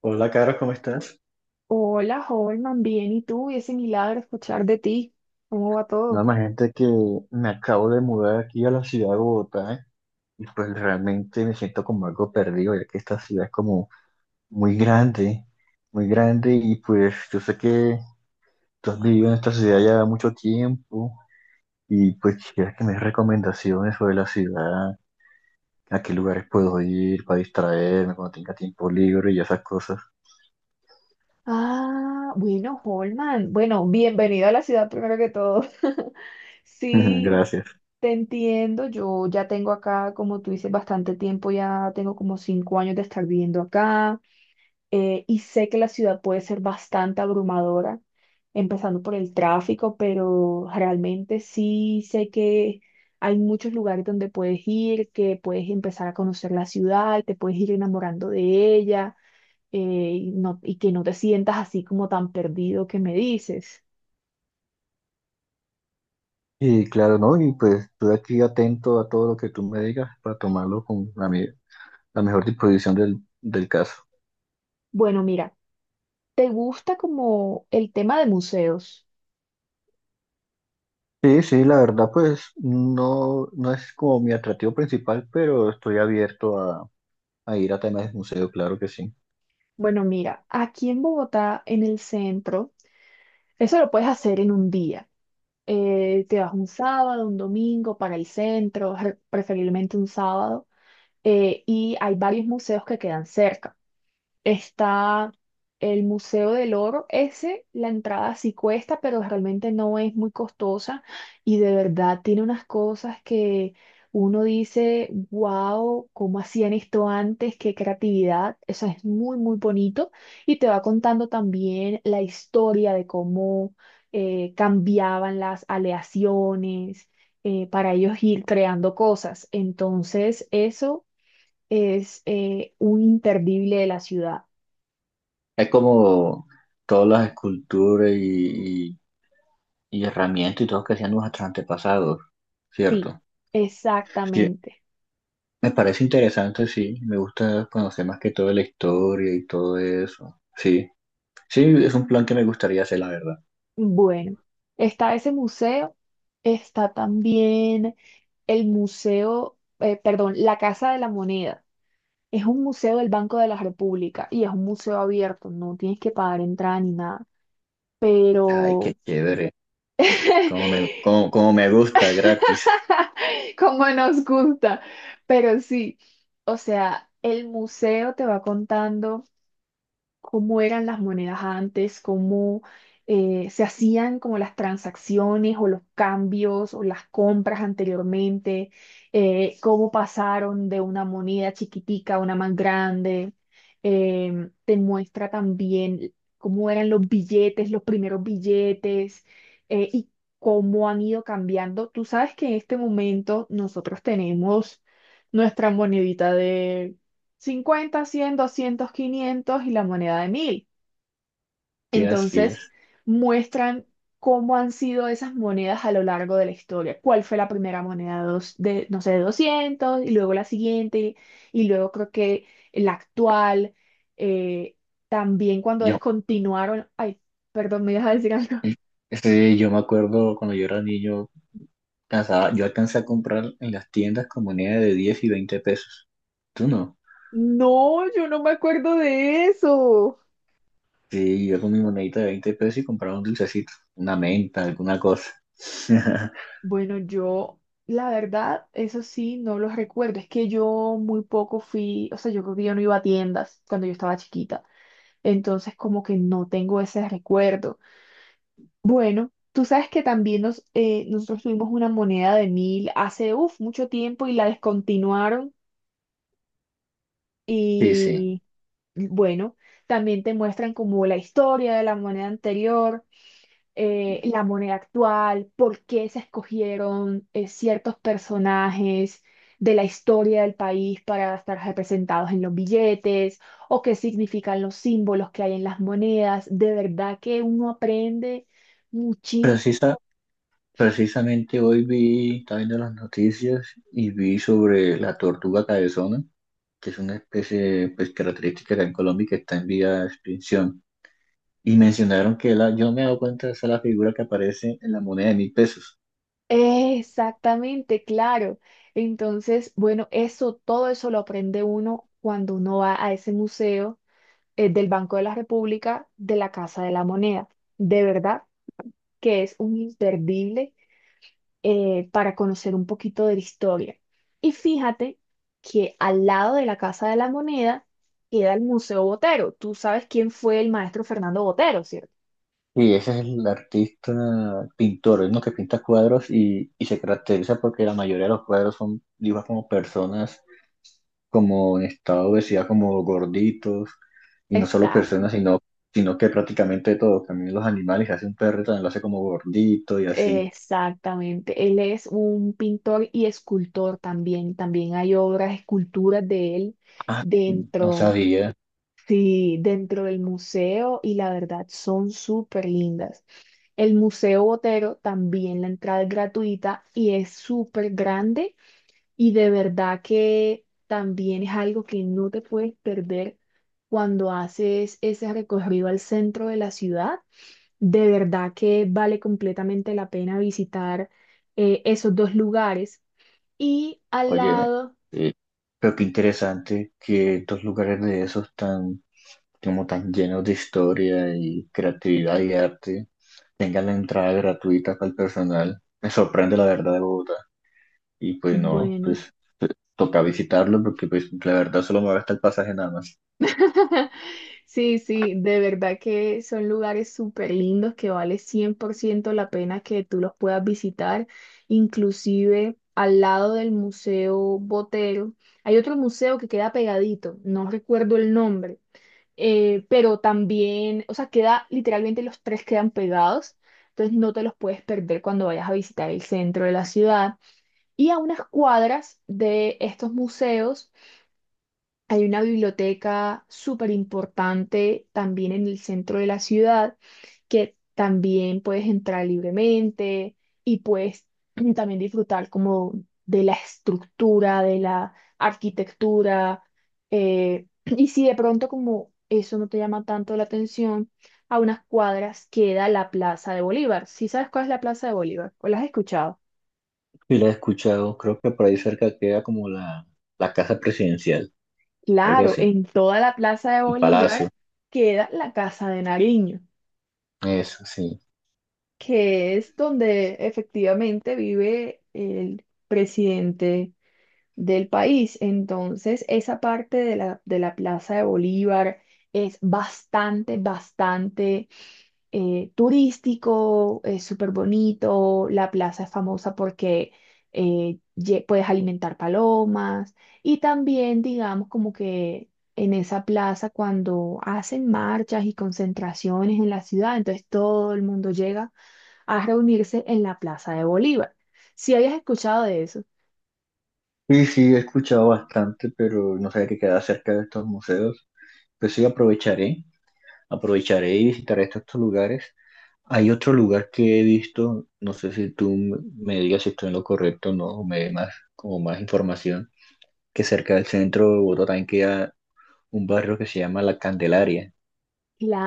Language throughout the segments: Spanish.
Hola, Caro, ¿cómo estás? Hola, Holman, bien, ¿y tú? Y ese milagro escuchar de ti. ¿Cómo va No, todo? imagínate que me acabo de mudar aquí a la ciudad de Bogotá, ¿eh? Y pues realmente me siento como algo perdido, ya que esta ciudad es como muy grande, muy grande y pues yo sé que tú has vivido en esta ciudad ya mucho tiempo y pues quisiera que me des recomendaciones sobre la ciudad, a qué lugares puedo ir para distraerme cuando tenga tiempo libre y esas cosas. Ah, bueno, Holman, bueno, bienvenido a la ciudad primero que todo. Sí, Gracias. te entiendo, yo ya tengo acá, como tú dices, bastante tiempo, ya tengo como 5 años de estar viviendo acá. Y sé que la ciudad puede ser bastante abrumadora, empezando por el tráfico, pero realmente sí sé que hay muchos lugares donde puedes ir, que puedes empezar a conocer la ciudad, te puedes ir enamorando de ella, y que no te sientas así como tan perdido que me dices. Y claro, ¿no? Y pues estoy aquí atento a todo lo que tú me digas para tomarlo con la medida, la mejor disposición del caso. Bueno, mira, ¿te gusta como el tema de museos? Sí, sí, la verdad, pues no, no es como mi atractivo principal, pero estoy abierto a ir a temas de museo, claro que sí. Bueno, mira, aquí en Bogotá, en el centro, eso lo puedes hacer en un día. Te vas un sábado, un domingo para el centro, preferiblemente un sábado, y hay varios museos que quedan cerca. Está el Museo del Oro. Ese, la entrada sí cuesta, pero realmente no es muy costosa y de verdad tiene unas cosas que uno dice, wow, ¿cómo hacían esto antes? Qué creatividad. Eso es muy, muy bonito. Y te va contando también la historia de cómo cambiaban las aleaciones para ellos ir creando cosas. Entonces, eso es un imperdible de la ciudad. Es como todas las esculturas y herramientas y todo que hacían nuestros antepasados, Sí, ¿cierto? Sí, exactamente. me parece interesante, sí, me gusta conocer más que todo la historia y todo eso. Sí, sí, es un plan que me gustaría hacer, la verdad. Bueno, está ese museo, está también el museo, perdón, la Casa de la Moneda. Es un museo del Banco de la República y es un museo abierto, no tienes que pagar entrada ni nada. Ay, qué Pero, chévere, como me, cómo- cómo me gusta, gratis. como nos gusta, pero sí, o sea, el museo te va contando cómo eran las monedas antes, cómo se hacían como las transacciones o los cambios o las compras anteriormente, cómo pasaron de una moneda chiquitica a una más grande. Te muestra también cómo eran los billetes, los primeros billetes y cómo han ido cambiando. Tú sabes que en este momento nosotros tenemos nuestra monedita 50, 100, 200, 500 y la moneda de 1000. Sí, así Entonces, es. muestran cómo han sido esas monedas a lo largo de la historia. ¿Cuál fue la primera moneda de, no sé, de 200 y luego la siguiente y luego creo que la actual. eh, También cuando Yo, descontinuaron, ay, perdón, me ibas a decir algo. yo me acuerdo cuando yo era niño, cansaba, yo alcancé a comprar en las tiendas con moneda de 10 y 20 pesos. ¿Tú no? No, yo no me acuerdo de eso. Sí, yo con mi monedita de 20 pesos y compraba un dulcecito, una menta, alguna cosa. Bueno, yo, la verdad, eso sí, no los recuerdo. Es que yo muy poco fui, o sea, yo creo que yo no iba a tiendas cuando yo estaba chiquita. Entonces, como que no tengo ese recuerdo. Bueno, tú sabes que también nos, nosotros tuvimos una moneda de 1000 hace, uf, mucho tiempo y la descontinuaron. Sí, sí. Y bueno, también te muestran como la historia de la moneda anterior. La moneda actual, por qué se escogieron ciertos personajes de la historia del país para estar representados en los billetes, o qué significan los símbolos que hay en las monedas. De verdad que uno aprende muchísimo. Precisa, precisamente hoy vi, estaba viendo las noticias y vi sobre la tortuga cabezona, que es una especie pues, característica acá en Colombia y que está en vía de extinción. Y mencionaron que yo no me he dado cuenta de esa es la figura que aparece en la moneda de 1.000 pesos. Exactamente, claro. Entonces, bueno, eso, todo eso lo aprende uno cuando uno va a ese museo del Banco de la República, de la Casa de la Moneda. De verdad que es un imperdible para conocer un poquito de la historia. Y fíjate que al lado de la Casa de la Moneda queda el Museo Botero. Tú sabes quién fue el maestro Fernando Botero, ¿cierto? Y ese es el artista pintor, es uno que pinta cuadros y se caracteriza porque la mayoría de los cuadros son dibujos como personas como en estado de obesidad, como gorditos, y no solo personas, Exacto, sino, sino que prácticamente todo, también los animales, hace un perro también lo hace como gordito y así. exactamente. Él es un pintor y escultor también. También hay obras, esculturas de él Ah, sí, no dentro, sabía, sí, dentro del museo y la verdad son súper lindas. El Museo Botero también la entrada es gratuita y es súper grande. Y de verdad que también es algo que no te puedes perder cuando haces ese recorrido al centro de la ciudad. De verdad que vale completamente la pena visitar esos dos lugares. Y al oye, lado, eh, pero qué interesante que estos lugares de esos tan como tan llenos de historia y creatividad y arte, tengan la entrada gratuita para el personal. Me sorprende la verdad de Bogotá. Y pues no, bueno. pues eh, toca visitarlo porque pues la verdad solo me va el pasaje nada más. Sí, sí, de verdad que son lugares súper lindos que vale 100% la pena que tú los puedas visitar. Inclusive al lado del Museo Botero hay otro museo que queda pegadito, no recuerdo el nombre, pero también, o sea, queda literalmente, los tres quedan pegados, entonces no te los puedes perder cuando vayas a visitar el centro de la ciudad. Y a unas cuadras de estos museos hay una biblioteca súper importante también en el centro de la ciudad, que también puedes entrar libremente y puedes también disfrutar como de la estructura, de la arquitectura. Y si de pronto como eso no te llama tanto la atención, a unas cuadras queda la Plaza de Bolívar. ¿Sí sabes cuál es la Plaza de Bolívar? ¿O la has escuchado? Y la he escuchado, creo que por ahí cerca queda como la casa presidencial, algo Claro, así, en toda la Plaza de el Bolívar palacio, queda la Casa de Nariño, eso sí. que es donde efectivamente vive el presidente del país. Entonces, esa parte de la Plaza de Bolívar es bastante, bastante turístico, es súper bonito. La plaza es famosa porque puedes alimentar palomas y también, digamos, como que... En esa plaza, cuando hacen marchas y concentraciones en la ciudad, entonces todo el mundo llega a reunirse en la Plaza de Bolívar. Si habías escuchado de eso, Y sí, he escuchado bastante, pero no sabía que queda cerca de estos museos. Pues sí, aprovecharé y visitaré estos lugares. Hay otro lugar que he visto, no sé si tú me digas si estoy en lo correcto o no, o me dé más, como más información, que cerca del centro de Bogotá también queda un barrio que se llama La Candelaria,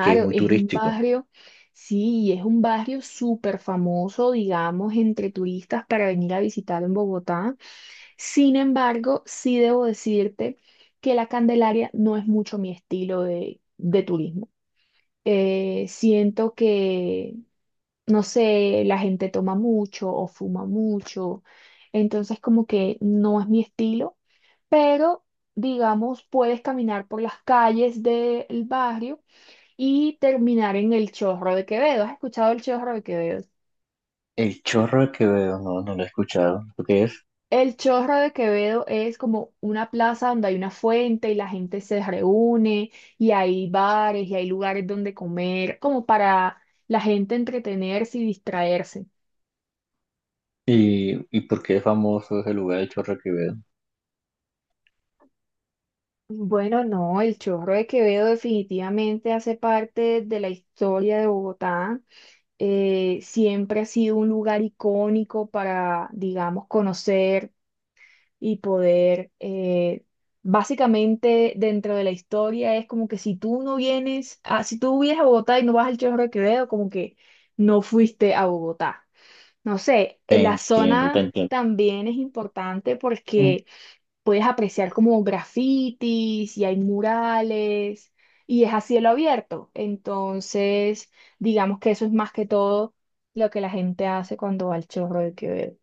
que es muy es un turístico. barrio, sí, es un barrio súper famoso, digamos, entre turistas para venir a visitar en Bogotá. Sin embargo, sí debo decirte que la Candelaria no es mucho mi estilo de turismo. Siento que, no sé, la gente toma mucho o fuma mucho, entonces como que no es mi estilo. Pero, digamos, puedes caminar por las calles del barrio y terminar en el Chorro de Quevedo. ¿Has escuchado el Chorro de Quevedo? El Chorro que veo, no, no lo he escuchado, ¿lo qué es? El Chorro de Quevedo es como una plaza donde hay una fuente y la gente se reúne y hay bares y hay lugares donde comer, como para la gente entretenerse y distraerse. ¿Y por qué es famoso ese lugar, el Chorro que veo? Bueno, no, el Chorro de Quevedo definitivamente hace parte de la historia de Bogotá. Siempre ha sido un lugar icónico para, digamos, conocer y poder, básicamente dentro de la historia es como que si tú vienes a Bogotá y no vas al Chorro de Quevedo, como que no fuiste a Bogotá. No sé, Te en la entiendo, te zona entiendo. también es importante Mm. porque puedes apreciar como grafitis y hay murales y es a cielo abierto. Entonces, digamos que eso es más que todo lo que la gente hace cuando va al Chorro de Quevedo.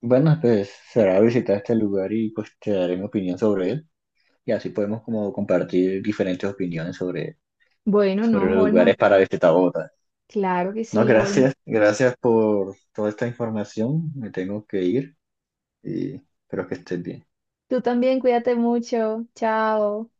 Bueno, pues será visitar este lugar y pues te daré mi opinión sobre él, y así podemos como compartir diferentes opiniones sobre, Bueno, sobre no, los lugares Holman. para visitar Bogotá. Claro que No, sí, Holman. gracias, gracias por toda esta información. Me tengo que ir, y espero que estés bien. Tú también cuídate mucho. Chao.